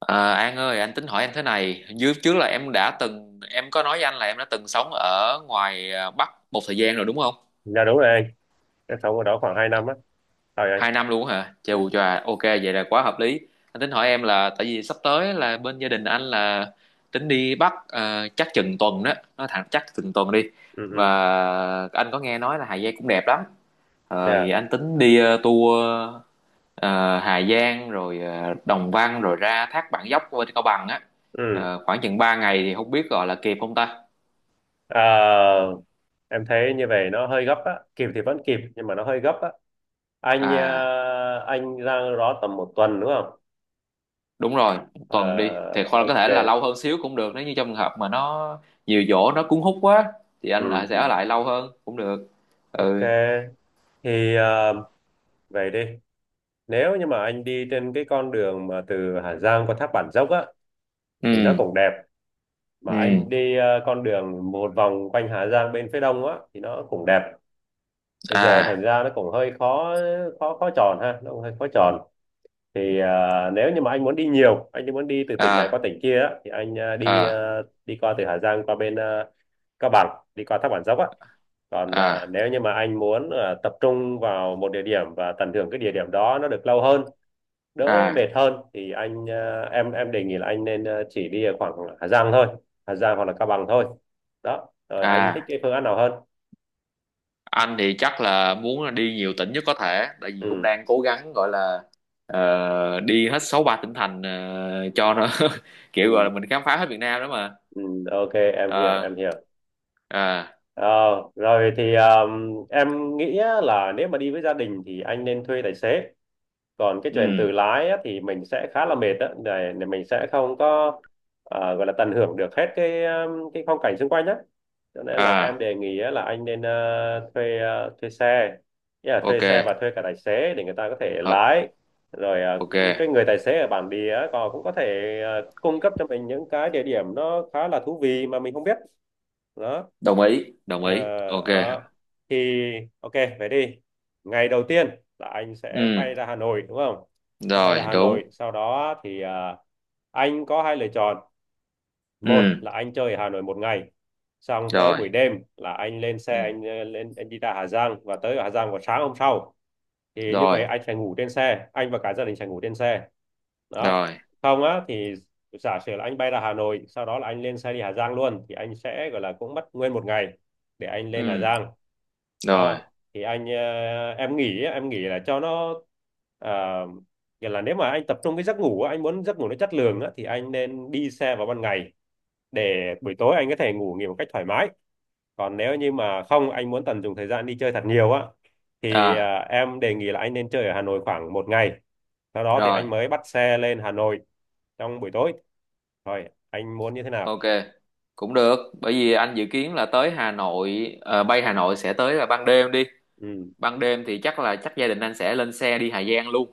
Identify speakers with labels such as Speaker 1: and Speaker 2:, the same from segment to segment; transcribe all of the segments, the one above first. Speaker 1: À, An ơi, anh tính hỏi em thế này. Dưới trước là em có nói với anh là em đã từng sống ở ngoài Bắc một thời gian rồi đúng không?
Speaker 2: Dạ đúng rồi anh, em sống ở đó khoảng 2 năm á, rồi anh.
Speaker 1: 2 năm luôn hả? Chù
Speaker 2: Ừ,
Speaker 1: chà, ok, vậy là quá hợp lý. Anh tính hỏi em là, tại vì sắp tới là bên gia đình anh là tính đi Bắc chắc chừng tuần đó, nó thẳng chắc chừng tuần đi.
Speaker 2: ừ, ừ,
Speaker 1: Và anh có nghe nói là Hà Giang cũng đẹp lắm.
Speaker 2: dạ,
Speaker 1: Vậy anh tính đi tour ờ, Hà Giang rồi Đồng Văn rồi ra Thác Bản Dốc bên Cao Bằng á.
Speaker 2: ừ.
Speaker 1: Khoảng chừng 3 ngày thì không biết gọi là kịp không ta.
Speaker 2: Ờ, em thấy như vậy nó hơi gấp á, kịp thì vẫn kịp nhưng mà nó hơi gấp á. Anh
Speaker 1: À,
Speaker 2: ờ, anh ra đó tầm một tuần đúng không?
Speaker 1: đúng rồi, một tuần đi
Speaker 2: Ờ,
Speaker 1: thì hoặc là có
Speaker 2: ok,
Speaker 1: thể là lâu hơn xíu cũng được nếu như trong trường hợp mà nó nhiều chỗ nó cuốn hút quá thì
Speaker 2: ừ,
Speaker 1: anh lại sẽ
Speaker 2: ừ.
Speaker 1: ở lại lâu hơn cũng được. Ừ.
Speaker 2: Ok. Thì vậy đi. Nếu như mà anh đi trên cái con đường mà từ Hà Giang qua thác Bản Dốc á, thì nó
Speaker 1: Ừ.
Speaker 2: cũng đẹp. Mà anh
Speaker 1: Ừ.
Speaker 2: đi con đường một vòng quanh Hà Giang bên phía đông á, thì nó cũng đẹp. Bây giờ thành
Speaker 1: À.
Speaker 2: ra nó cũng hơi khó khó khó tròn ha, nó cũng hơi khó tròn. Thì nếu như mà anh muốn đi nhiều, anh muốn đi từ tỉnh này qua
Speaker 1: À.
Speaker 2: tỉnh kia á, thì anh
Speaker 1: À.
Speaker 2: à, đi qua từ Hà Giang qua bên Cao Bằng, đi qua Thác Bản Dốc á. Còn
Speaker 1: À.
Speaker 2: nếu như mà anh muốn tập trung vào một địa điểm và tận hưởng cái địa điểm đó nó được lâu hơn, đỡ mệt
Speaker 1: À.
Speaker 2: hơn, thì anh à, em đề nghị là anh nên chỉ đi ở khoảng Hà Giang thôi, Hà Giang hoặc là Cao Bằng thôi. Đó, rồi anh thích
Speaker 1: À.
Speaker 2: cái phương án nào hơn?
Speaker 1: Anh thì chắc là muốn là đi nhiều tỉnh nhất có thể tại vì cũng
Speaker 2: Ừ,
Speaker 1: đang cố gắng gọi là đi hết 63 tỉnh thành cho nó kiểu gọi
Speaker 2: ừ,
Speaker 1: là mình khám phá hết Việt Nam đó mà.
Speaker 2: ừ, ok, em hiểu
Speaker 1: Ờ.
Speaker 2: em hiểu.
Speaker 1: À.
Speaker 2: Ờ, rồi thì em nghĩ á là nếu mà đi với gia đình thì anh nên thuê tài xế. Còn cái chuyện
Speaker 1: Ừ.
Speaker 2: tự lái á, thì mình sẽ khá là mệt đó, để mình sẽ không có, gọi là tận hưởng được hết cái, cái phong cảnh xung quanh á. Cho nên là em
Speaker 1: À.
Speaker 2: đề nghị á, là anh nên thuê xe. Nghĩa là thuê
Speaker 1: Ok.
Speaker 2: xe và thuê cả tài xế để người ta có thể
Speaker 1: Hợp.
Speaker 2: lái. Rồi
Speaker 1: Ok.
Speaker 2: cái người tài xế ở bản địa á, còn cũng có thể cung cấp cho mình những cái địa điểm nó khá là thú vị mà mình không biết. Đó.
Speaker 1: Đồng ý, đồng
Speaker 2: Ờ,
Speaker 1: ý, ok.
Speaker 2: đó. Thì ok, về đi. Ngày đầu tiên là anh sẽ
Speaker 1: Ừ.
Speaker 2: bay ra Hà Nội đúng không? Sẽ bay ra
Speaker 1: Rồi,
Speaker 2: Hà Nội,
Speaker 1: đúng.
Speaker 2: sau đó thì anh có hai lựa chọn. Một
Speaker 1: Ừ.
Speaker 2: là anh chơi ở Hà Nội một ngày. Xong tới buổi
Speaker 1: Rồi.
Speaker 2: đêm là anh lên xe,
Speaker 1: Ừ.
Speaker 2: anh ờ, lên anh đi ra Hà Giang và tới Hà Giang vào sáng hôm sau. Thì như vậy
Speaker 1: Rồi.
Speaker 2: anh sẽ ngủ trên xe, anh và cả gia đình sẽ ngủ trên xe. Đó,
Speaker 1: Rồi.
Speaker 2: không á thì giả sử là anh bay ra Hà Nội, sau đó là anh lên xe đi Hà Giang luôn, thì anh sẽ gọi là cũng mất nguyên một ngày để anh lên Hà
Speaker 1: Ừ.
Speaker 2: Giang.
Speaker 1: Rồi.
Speaker 2: Đó thì em nghĩ á, em nghĩ là cho nó, à, nghĩa là nếu mà anh tập trung cái giấc ngủ á, anh muốn giấc ngủ nó chất lượng á, thì anh nên đi xe vào ban ngày để buổi tối anh có thể ngủ nghỉ một cách thoải mái. Còn nếu như mà không, anh muốn tận dụng thời gian đi chơi thật nhiều á, thì
Speaker 1: À.
Speaker 2: em đề nghị là anh nên chơi ở Hà Nội khoảng một ngày, sau đó thì
Speaker 1: Rồi.
Speaker 2: anh mới bắt xe lên Hà Nội trong buổi tối. Thôi, anh muốn như thế nào?
Speaker 1: Ok. Cũng được, bởi vì anh dự kiến là tới Hà Nội bay Hà Nội sẽ tới là ban đêm đi.
Speaker 2: Ừ,
Speaker 1: Ban đêm thì chắc là chắc gia đình anh sẽ lên xe đi Hà Giang luôn.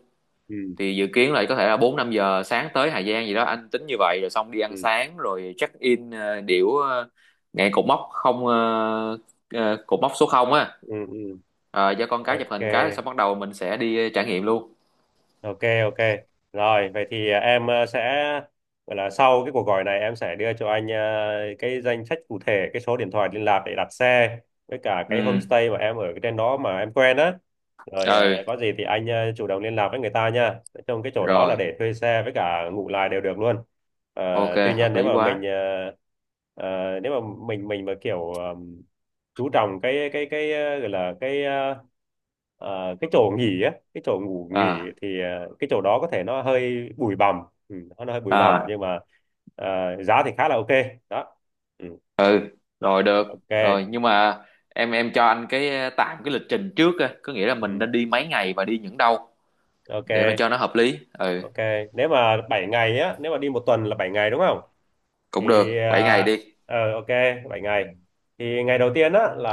Speaker 2: ừ,
Speaker 1: Thì dự kiến là có thể là 4-5 giờ sáng tới Hà Giang gì đó anh tính như vậy, rồi xong đi ăn
Speaker 2: ừ,
Speaker 1: sáng rồi check in ngay cột mốc số 0 á.
Speaker 2: ừ, ừ.
Speaker 1: Ờ, cho con cái chụp
Speaker 2: Ok.
Speaker 1: hình cái xong bắt đầu mình sẽ đi trải nghiệm luôn.
Speaker 2: Ok. Ok. Rồi, vậy thì em sẽ gọi là sau cái cuộc gọi này em sẽ đưa cho anh cái danh sách cụ thể, cái số điện thoại liên lạc để đặt xe với cả
Speaker 1: Ừ.
Speaker 2: cái homestay mà em ở cái trên đó mà em quen á. Rồi
Speaker 1: Ừ.
Speaker 2: có gì thì anh chủ động liên lạc với người ta nha. Trong cái chỗ đó là
Speaker 1: Rồi.
Speaker 2: để thuê xe với cả ngủ lại đều được luôn.
Speaker 1: Ok,
Speaker 2: À, tuy nhiên
Speaker 1: hợp
Speaker 2: nếu
Speaker 1: lý
Speaker 2: mà
Speaker 1: quá.
Speaker 2: nếu mà mình mà kiểu chú trọng cái, gọi là cái chỗ nghỉ á, cái chỗ ngủ nghỉ,
Speaker 1: À.
Speaker 2: thì cái chỗ đó có thể nó hơi bụi bặm. Ừ, nó hơi bụi bặm
Speaker 1: À.
Speaker 2: nhưng mà, ờ, giá thì khá là ok. Đó. Ừ,
Speaker 1: Ừ. Rồi, được. Rồi,
Speaker 2: ok.
Speaker 1: nhưng mà em cho anh cái tạm cái lịch trình trước á, có nghĩa là mình
Speaker 2: Ừ,
Speaker 1: nên đi mấy ngày và đi những đâu để mà
Speaker 2: ok,
Speaker 1: cho nó hợp lý. Ừ.
Speaker 2: ok. Nếu mà 7 ngày á, nếu mà đi một tuần là 7 ngày đúng không?
Speaker 1: Cũng
Speaker 2: Thì
Speaker 1: được, 7 ngày đi.
Speaker 2: ok, 7 ngày. Thì ngày đầu tiên á là,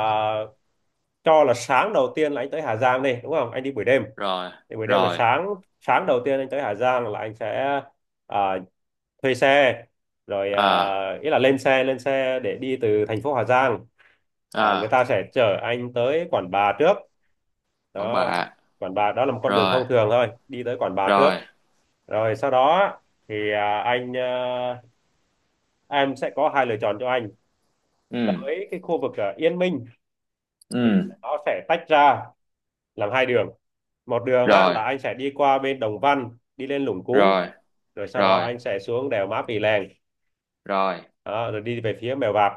Speaker 2: cho là sáng đầu tiên là anh tới Hà Giang đi, đúng không? Anh đi buổi đêm
Speaker 1: Rồi.
Speaker 2: thì buổi đêm là
Speaker 1: Rồi.
Speaker 2: sáng. Sáng đầu tiên anh tới Hà Giang là anh sẽ ờ, thuê xe, rồi
Speaker 1: À.
Speaker 2: ý là lên xe để đi từ thành phố Hà Giang. Người
Speaker 1: À.
Speaker 2: ta sẽ chở anh tới Quản Bạ trước.
Speaker 1: Quảng
Speaker 2: Đó,
Speaker 1: Bạ.
Speaker 2: Quản Bạ đó là một con đường
Speaker 1: Rồi.
Speaker 2: thông thường thôi, đi tới Quản Bạ trước,
Speaker 1: Rồi.
Speaker 2: rồi sau đó thì em sẽ có hai lựa chọn cho anh.
Speaker 1: Ừ.
Speaker 2: Tới cái khu vực Yên Minh,
Speaker 1: Ừ.
Speaker 2: nó sẽ tách ra làm hai đường. Một đường á,
Speaker 1: Rồi.
Speaker 2: là anh sẽ đi qua bên Đồng Văn, đi lên Lũng Cú,
Speaker 1: Rồi.
Speaker 2: rồi sau đó
Speaker 1: Rồi.
Speaker 2: anh sẽ xuống đèo Mã Pì Lèng.
Speaker 1: Rồi.
Speaker 2: Đó, rồi đi về phía Mèo Vạc.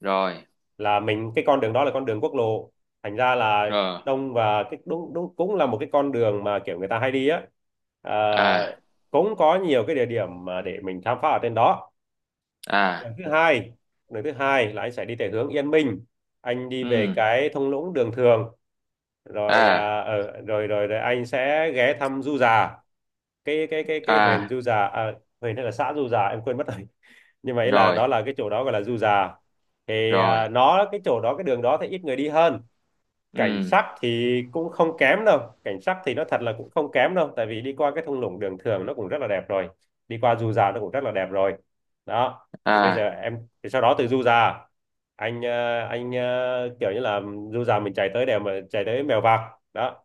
Speaker 1: Rồi.
Speaker 2: Là mình, cái con đường đó là con đường quốc lộ, thành ra là
Speaker 1: Rồi.
Speaker 2: đông, và cái đúng, đúng cũng là một cái con đường mà kiểu người ta hay đi á. à,
Speaker 1: À.
Speaker 2: Cũng có nhiều cái địa điểm mà để mình khám phá ở trên đó.
Speaker 1: À.
Speaker 2: Đường thứ hai, đường thứ hai là anh sẽ đi về hướng Yên Minh, anh đi
Speaker 1: Ừ.
Speaker 2: về cái thung lũng Đường Thường, rồi
Speaker 1: À.
Speaker 2: à, ở rồi, rồi rồi anh sẽ ghé thăm Du Già, cái huyện
Speaker 1: À.
Speaker 2: Du Già, huyện hay là xã Du Già em quên mất rồi. Như vậy là,
Speaker 1: Rồi.
Speaker 2: đó là cái chỗ đó gọi là Du Già. Thì
Speaker 1: Rồi.
Speaker 2: nó, cái chỗ đó, cái đường đó thì ít người đi hơn. Cảnh
Speaker 1: Ừ.
Speaker 2: sắc thì cũng không kém đâu, cảnh sắc thì nó thật là cũng không kém đâu, tại vì đi qua cái thung lũng Đường Thường nó cũng rất là đẹp rồi, đi qua Du Già nó cũng rất là đẹp rồi. Đó, thì bây giờ
Speaker 1: À.
Speaker 2: em thì, sau đó từ Du Già, kiểu như là Du Già mình chạy tới Mèo Vạc. Đó,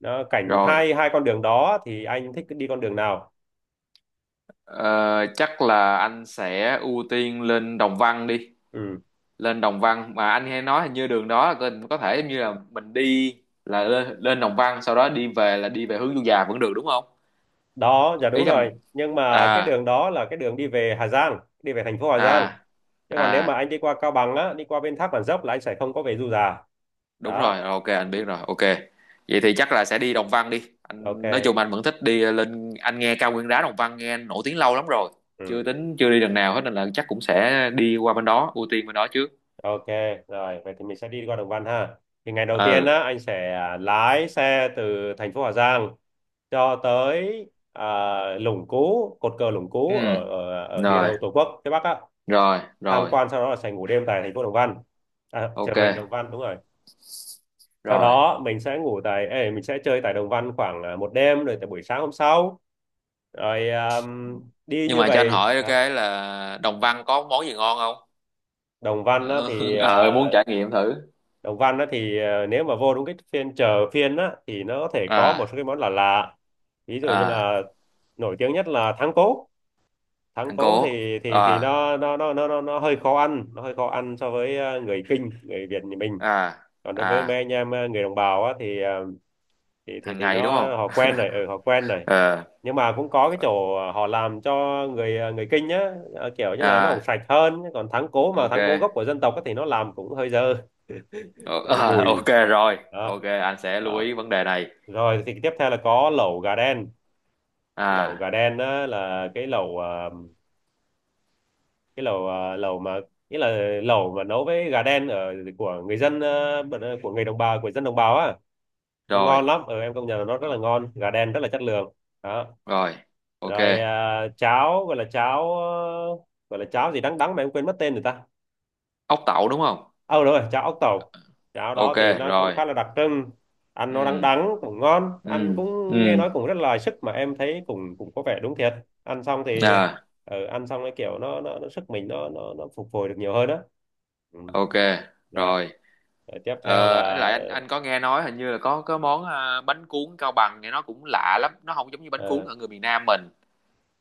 Speaker 2: nó cảnh
Speaker 1: Rồi.
Speaker 2: hai hai con đường đó thì anh thích đi con đường nào?
Speaker 1: Ờ, Chắc là anh sẽ ưu tiên lên Đồng Văn đi.
Speaker 2: Ừ,
Speaker 1: Lên Đồng Văn mà anh hay nói hình như đường đó là có thể giống như là mình đi, là lên Đồng Văn sau đó đi về là đi về hướng Du Già vẫn được đúng không?
Speaker 2: đó, dạ
Speaker 1: Ý
Speaker 2: đúng
Speaker 1: là
Speaker 2: rồi, nhưng mà cái
Speaker 1: à.
Speaker 2: đường đó là cái đường đi về Hà Giang, đi về thành phố Hà Giang,
Speaker 1: À.
Speaker 2: chứ còn nếu mà
Speaker 1: À.
Speaker 2: anh đi qua Cao Bằng á, đi qua bên Thác Bản Dốc là anh sẽ không có về Du Già.
Speaker 1: Đúng rồi,
Speaker 2: Đó.
Speaker 1: ok anh
Speaker 2: Ừ,
Speaker 1: biết rồi, ok. Vậy thì chắc là sẽ đi Đồng Văn đi, anh nói
Speaker 2: ok.
Speaker 1: chung anh vẫn thích đi lên, anh nghe cao nguyên đá Đồng Văn nghe nổi tiếng lâu lắm rồi chưa
Speaker 2: Ừ,
Speaker 1: tính chưa đi lần nào hết nên là chắc cũng sẽ đi qua bên đó ưu tiên bên đó trước.
Speaker 2: ok, rồi vậy thì mình sẽ đi qua Đồng Văn ha. Thì ngày đầu tiên
Speaker 1: Ừ.
Speaker 2: á, anh sẽ lái xe từ thành phố Hà Giang cho tới, à, Lũng Cú, cột cờ Lũng
Speaker 1: Ừ.
Speaker 2: Cú ở, ở ở địa
Speaker 1: Rồi.
Speaker 2: đầu Tổ quốc phía Bắc á,
Speaker 1: Rồi.
Speaker 2: tham
Speaker 1: Rồi.
Speaker 2: quan, sau đó là sẽ ngủ đêm tại thành phố Đồng Văn, chợ
Speaker 1: Ok.
Speaker 2: huyện Đồng Văn, đúng rồi. Sau
Speaker 1: Rồi,
Speaker 2: đó mình sẽ chơi tại Đồng Văn khoảng một đêm, rồi tại buổi sáng hôm sau, rồi à, đi
Speaker 1: nhưng
Speaker 2: như
Speaker 1: mà cho anh
Speaker 2: vậy.
Speaker 1: hỏi
Speaker 2: Đấy.
Speaker 1: cái là Đồng Văn có món gì ngon không?
Speaker 2: Đồng Văn á, thì
Speaker 1: ờ muốn trải nghiệm thử.
Speaker 2: Nếu mà vô đúng cái phiên chợ, phiên á, thì nó có thể có một số
Speaker 1: À.
Speaker 2: cái món là lạ lạ. Ví dụ như
Speaker 1: À.
Speaker 2: là, nổi tiếng nhất là thắng cố. Thắng
Speaker 1: Thằng
Speaker 2: cố
Speaker 1: cố.
Speaker 2: thì
Speaker 1: À.
Speaker 2: nó hơi khó ăn, nó hơi khó ăn so với người Kinh, người Việt như mình.
Speaker 1: À.
Speaker 2: Còn đối với mấy
Speaker 1: À.
Speaker 2: anh em, người đồng bào á, thì
Speaker 1: Hàng
Speaker 2: nó
Speaker 1: ngày đúng không?
Speaker 2: họ quen này, ừ, họ quen này.
Speaker 1: Ờ.
Speaker 2: Nhưng mà cũng có cái chỗ họ làm cho người Kinh nhá, kiểu như là nó cũng
Speaker 1: À.
Speaker 2: sạch hơn, còn thắng cố, mà thắng cố gốc
Speaker 1: Ok.
Speaker 2: của dân tộc á thì nó làm cũng hơi dơ.
Speaker 1: Ờ,
Speaker 2: Nó
Speaker 1: ok
Speaker 2: mùi.
Speaker 1: rồi,
Speaker 2: Đó,
Speaker 1: ok anh sẽ lưu
Speaker 2: đó.
Speaker 1: ý vấn đề này.
Speaker 2: Rồi thì tiếp theo là có lẩu gà đen. Lẩu
Speaker 1: À.
Speaker 2: gà đen á, là cái lẩu ờ, lẩu mà nghĩa là lẩu mà nấu với gà đen ở của người đồng bào của dân đồng bào á, nó ngon
Speaker 1: Rồi.
Speaker 2: lắm. Ừ, em công nhận là nó rất là
Speaker 1: Ờ.
Speaker 2: ngon, gà đen rất là chất lượng. Đó.
Speaker 1: Rồi, ok.
Speaker 2: Rồi cháo, gọi là cháo gì đắng đắng mà em quên mất tên rồi ta.
Speaker 1: Ốc tẩu đúng không?
Speaker 2: Ờ, đúng rồi, cháo ốc tẩu. Cháo đó
Speaker 1: Ok.
Speaker 2: thì nó cũng
Speaker 1: Rồi.
Speaker 2: khá là đặc trưng. Ăn nó đắng
Speaker 1: Ừ.
Speaker 2: đắng cũng ngon, ăn
Speaker 1: Ừ.
Speaker 2: cũng nghe
Speaker 1: Ừ.
Speaker 2: nói cũng rất là sức mà em thấy cũng cũng có vẻ đúng thiệt. Ăn xong thì
Speaker 1: À.
Speaker 2: ăn xong cái kiểu nó sức mình, nó phục hồi được nhiều hơn đó. Ừ.
Speaker 1: Ok.
Speaker 2: Dạ.
Speaker 1: Rồi.
Speaker 2: Rồi tiếp theo
Speaker 1: Ờ
Speaker 2: là
Speaker 1: lại Anh có nghe nói hình như là có món bánh cuốn Cao Bằng nghe nó cũng lạ lắm, nó không giống như bánh cuốn
Speaker 2: ờ,
Speaker 1: ở người miền Nam mình.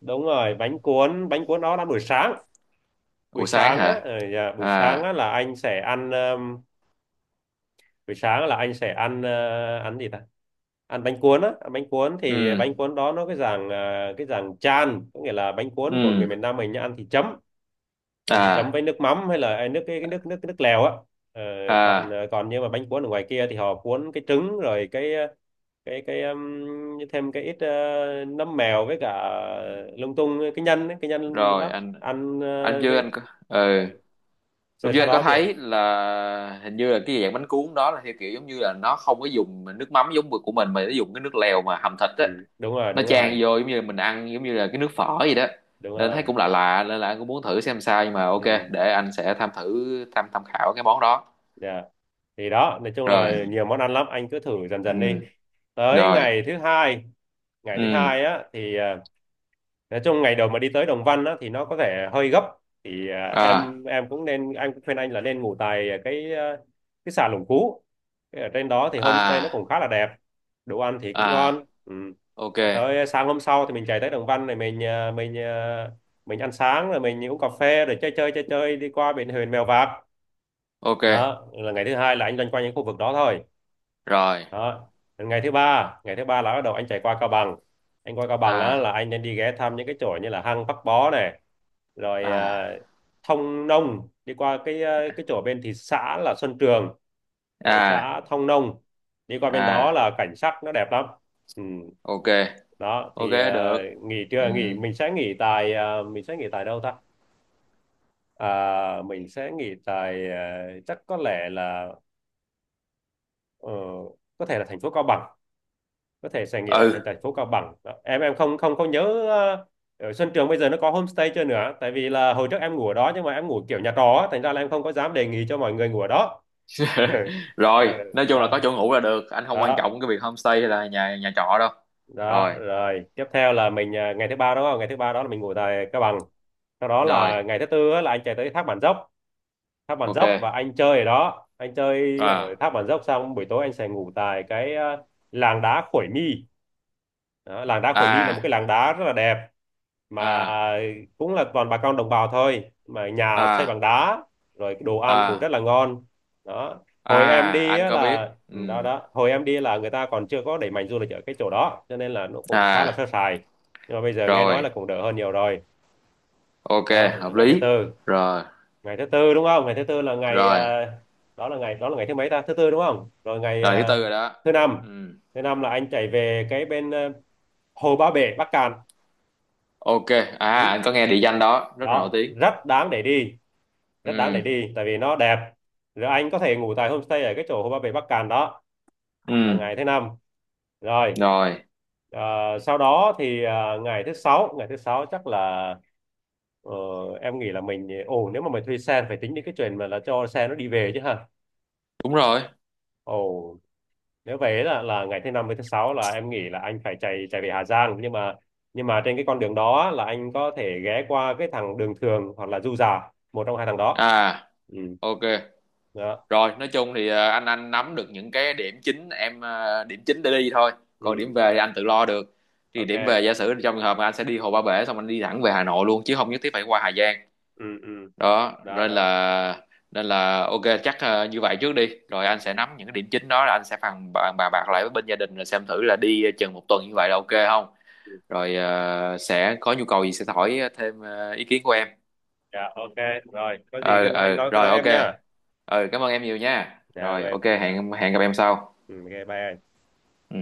Speaker 2: đúng rồi, bánh cuốn, đó là buổi sáng. buổi
Speaker 1: Buổi sáng
Speaker 2: sáng á
Speaker 1: hả?
Speaker 2: ờ, dạ, buổi sáng
Speaker 1: À.
Speaker 2: á là anh sẽ ăn. Buổi sáng là anh sẽ ăn ăn gì ta, ăn bánh cuốn á. Ăn bánh cuốn
Speaker 1: Ừ.
Speaker 2: thì bánh cuốn đó nó cái dạng chan, có nghĩa là bánh cuốn của người
Speaker 1: Ừ.
Speaker 2: miền Nam mình nhá, ăn thì chấm, ăn thì chấm
Speaker 1: À.
Speaker 2: với nước mắm hay là nước cái nước nước nước lèo á. Ờ, còn
Speaker 1: À.
Speaker 2: còn nhưng mà bánh cuốn ở ngoài kia thì họ cuốn cái trứng rồi cái cái cái um, thêm cái ít nấm mèo với cả lung tung cái nhân ấy, cái nhân
Speaker 1: Rồi,
Speaker 2: đó
Speaker 1: anh
Speaker 2: ăn
Speaker 1: anh chưa,
Speaker 2: với
Speaker 1: anh có. Ừ.
Speaker 2: ờ, sau
Speaker 1: Lúc trước
Speaker 2: sau
Speaker 1: anh có
Speaker 2: đó thì
Speaker 1: thấy là hình như là cái dạng bánh cuốn đó là theo kiểu giống như là nó không có dùng nước mắm giống của mình mà nó dùng cái nước lèo mà hầm thịt á,
Speaker 2: ừ, đúng rồi
Speaker 1: nó
Speaker 2: đúng rồi
Speaker 1: chan vô giống như là mình ăn giống như là cái nước phở gì đó
Speaker 2: đúng
Speaker 1: nên thấy
Speaker 2: rồi.
Speaker 1: cũng lạ lạ nên là anh cũng muốn thử xem sao nhưng mà ok,
Speaker 2: Ừ,
Speaker 1: để anh sẽ tham thử tham tham khảo cái món đó.
Speaker 2: dạ. Thì đó, nói chung
Speaker 1: Rồi.
Speaker 2: là nhiều món ăn lắm, anh cứ thử dần
Speaker 1: Ừ.
Speaker 2: dần đi. Tới
Speaker 1: Rồi.
Speaker 2: ngày thứ hai, ngày thứ
Speaker 1: Ừ.
Speaker 2: hai á thì nói chung ngày đầu mà đi tới Đồng Văn á thì nó có vẻ hơi gấp. Thì à,
Speaker 1: À.
Speaker 2: em em cũng nên, anh cũng khuyên anh là nên ngủ tại cái cái xà Lũng Cú. Cái ở trên đó thì homestay nó
Speaker 1: À.
Speaker 2: cũng khá là đẹp, đồ ăn thì cũng ngon.
Speaker 1: À.
Speaker 2: Ừ.
Speaker 1: Ok.
Speaker 2: Tới sáng hôm sau thì mình chạy tới Đồng Văn này, mình ăn sáng rồi mình uống cà phê rồi chơi, chơi đi qua biển Huyền Mèo Vạc.
Speaker 1: Ok.
Speaker 2: Đó là ngày thứ hai, là anh loanh quanh những khu vực đó thôi.
Speaker 1: Rồi.
Speaker 2: Đó. Đến ngày thứ ba, ngày thứ ba là bắt đầu anh chạy qua Cao Bằng. Anh qua Cao Bằng á
Speaker 1: À.
Speaker 2: là anh nên đi ghé thăm những cái chỗ như là hang Bắc Bó này, rồi
Speaker 1: À.
Speaker 2: Thông Nông, đi qua cái cái chỗ bên thị xã là Xuân Trường, rồi
Speaker 1: À.
Speaker 2: xã Thông Nông. Đi qua bên đó
Speaker 1: À.
Speaker 2: là cảnh sắc nó đẹp lắm. Ừ.
Speaker 1: Ok.
Speaker 2: Đó
Speaker 1: Ok,
Speaker 2: thì
Speaker 1: được.
Speaker 2: nghỉ
Speaker 1: Ừ.
Speaker 2: trưa, nghỉ mình sẽ nghỉ tại mình sẽ nghỉ tại đâu ta. À, mình sẽ nghỉ tại chắc có lẽ là ờ, có thể là thành phố Cao Bằng, có thể sẽ nghĩ là thành
Speaker 1: Ừ.
Speaker 2: thành phố Cao Bằng. Đó. Em không không không nhớ ở Xuân Trường bây giờ nó có homestay chưa nữa, tại vì là hồi trước em ngủ ở đó nhưng mà em ngủ kiểu nhà trọ á, thành ra là em không có dám đề nghị cho mọi người ngủ ở đó.
Speaker 1: Rồi, nói chung là
Speaker 2: Đó.
Speaker 1: có chỗ ngủ là được, anh không quan
Speaker 2: Đó.
Speaker 1: trọng cái việc homestay hay là nhà nhà trọ đâu.
Speaker 2: Đó
Speaker 1: Rồi.
Speaker 2: rồi tiếp theo là ngày thứ ba đúng không, ngày thứ ba đó là mình ngủ tại Cao Bằng. Sau đó
Speaker 1: Rồi.
Speaker 2: là ngày thứ tư á, là anh chạy tới thác Bản Dốc. Thác Bản
Speaker 1: Ok.
Speaker 2: Dốc và anh chơi ở đó, anh chơi ở
Speaker 1: À.
Speaker 2: thác Bản Dốc xong buổi tối anh sẽ ngủ tại cái làng đá Khuổi Mi. Đó, làng đá Khuổi Mi là một cái
Speaker 1: À.
Speaker 2: làng đá rất là đẹp mà
Speaker 1: À.
Speaker 2: cũng là toàn bà con đồng bào thôi, mà nhà xây bằng
Speaker 1: À.
Speaker 2: đá, rồi đồ ăn cũng
Speaker 1: À.
Speaker 2: rất là ngon. Đó,
Speaker 1: À.
Speaker 2: hồi em đi
Speaker 1: Anh
Speaker 2: á
Speaker 1: có
Speaker 2: là
Speaker 1: biết.
Speaker 2: ừ, đó
Speaker 1: Ừ.
Speaker 2: đó hồi em đi là người ta còn chưa có đẩy mạnh du lịch ở cái chỗ đó cho nên là nó cũng khá là
Speaker 1: À.
Speaker 2: sơ sài. Nhưng mà bây giờ nghe nói là
Speaker 1: Rồi.
Speaker 2: cũng đỡ hơn nhiều rồi.
Speaker 1: Ok,
Speaker 2: Đó là
Speaker 1: hợp
Speaker 2: ngày thứ
Speaker 1: lý.
Speaker 2: tư.
Speaker 1: Rồi.
Speaker 2: Ngày thứ tư đúng không, ngày thứ tư là ngày
Speaker 1: Rồi.
Speaker 2: đó là ngày, đó là ngày thứ mấy ta, thứ tư đúng không, rồi ngày
Speaker 1: Rồi, thứ tư rồi đó.
Speaker 2: thứ năm.
Speaker 1: Ừ.
Speaker 2: Thứ năm là anh chạy về cái bên Hồ Ba Bể Bắc Cạn.
Speaker 1: Ok. À,
Speaker 2: Ừ.
Speaker 1: anh có nghe địa danh đó rất là nổi
Speaker 2: Đó,
Speaker 1: tiếng.
Speaker 2: rất đáng để đi, rất đáng để
Speaker 1: Ừ.
Speaker 2: đi tại vì nó đẹp. Rồi anh có thể ngủ tại homestay ở cái chỗ Hồ Ba Bể Bắc Cạn đó,
Speaker 1: Ừ.
Speaker 2: là ngày thứ năm. Rồi
Speaker 1: Rồi.
Speaker 2: ờ, sau đó thì ngày thứ sáu, ngày thứ sáu chắc là ờ, em nghĩ là mình ờ, ồ, nếu mà mình thuê xe phải tính đến cái chuyện mà là cho xe nó đi về chứ hả.
Speaker 1: Đúng rồi.
Speaker 2: Ồ, nếu vậy là ngày thứ năm với thứ sáu là em nghĩ là anh phải chạy chạy về Hà Giang, nhưng mà, nhưng mà trên cái con đường đó là anh có thể ghé qua cái thằng đường thường hoặc là Du Già, một trong hai thằng đó.
Speaker 1: À.
Speaker 2: Ừ.
Speaker 1: Ok.
Speaker 2: Đó.
Speaker 1: Rồi, nói chung thì anh nắm được những cái điểm chính em điểm chính để đi thôi. Còn
Speaker 2: Ừ,
Speaker 1: điểm về thì anh tự lo được. Thì điểm về
Speaker 2: ok.
Speaker 1: giả sử trong trường hợp mà anh sẽ đi Hồ Ba Bể xong anh đi thẳng về Hà Nội luôn chứ không nhất thiết phải qua Hà Giang.
Speaker 2: Ừ. Ừ.
Speaker 1: Đó,
Speaker 2: Đó.
Speaker 1: nên
Speaker 2: Đó.
Speaker 1: là nên là ok, chắc như vậy trước đi. Rồi anh sẽ nắm những cái điểm chính đó là anh sẽ phàn bàn bàn bạc lại với bên gia đình rồi xem thử là đi chừng một tuần như vậy là ok không? Rồi sẽ có nhu cầu gì sẽ hỏi thêm ý kiến của em.
Speaker 2: Dạ, ok. Rồi có gì cứ nói- anh
Speaker 1: Ờ
Speaker 2: nói cứ
Speaker 1: Rồi
Speaker 2: nói
Speaker 1: ok.
Speaker 2: em nha.
Speaker 1: Ờ, cảm ơn em nhiều nha.
Speaker 2: Dạ
Speaker 1: Rồi
Speaker 2: rồi.
Speaker 1: ok, hẹn hẹn gặp em sau.
Speaker 2: Ừ, ok bye anh.
Speaker 1: Ừ.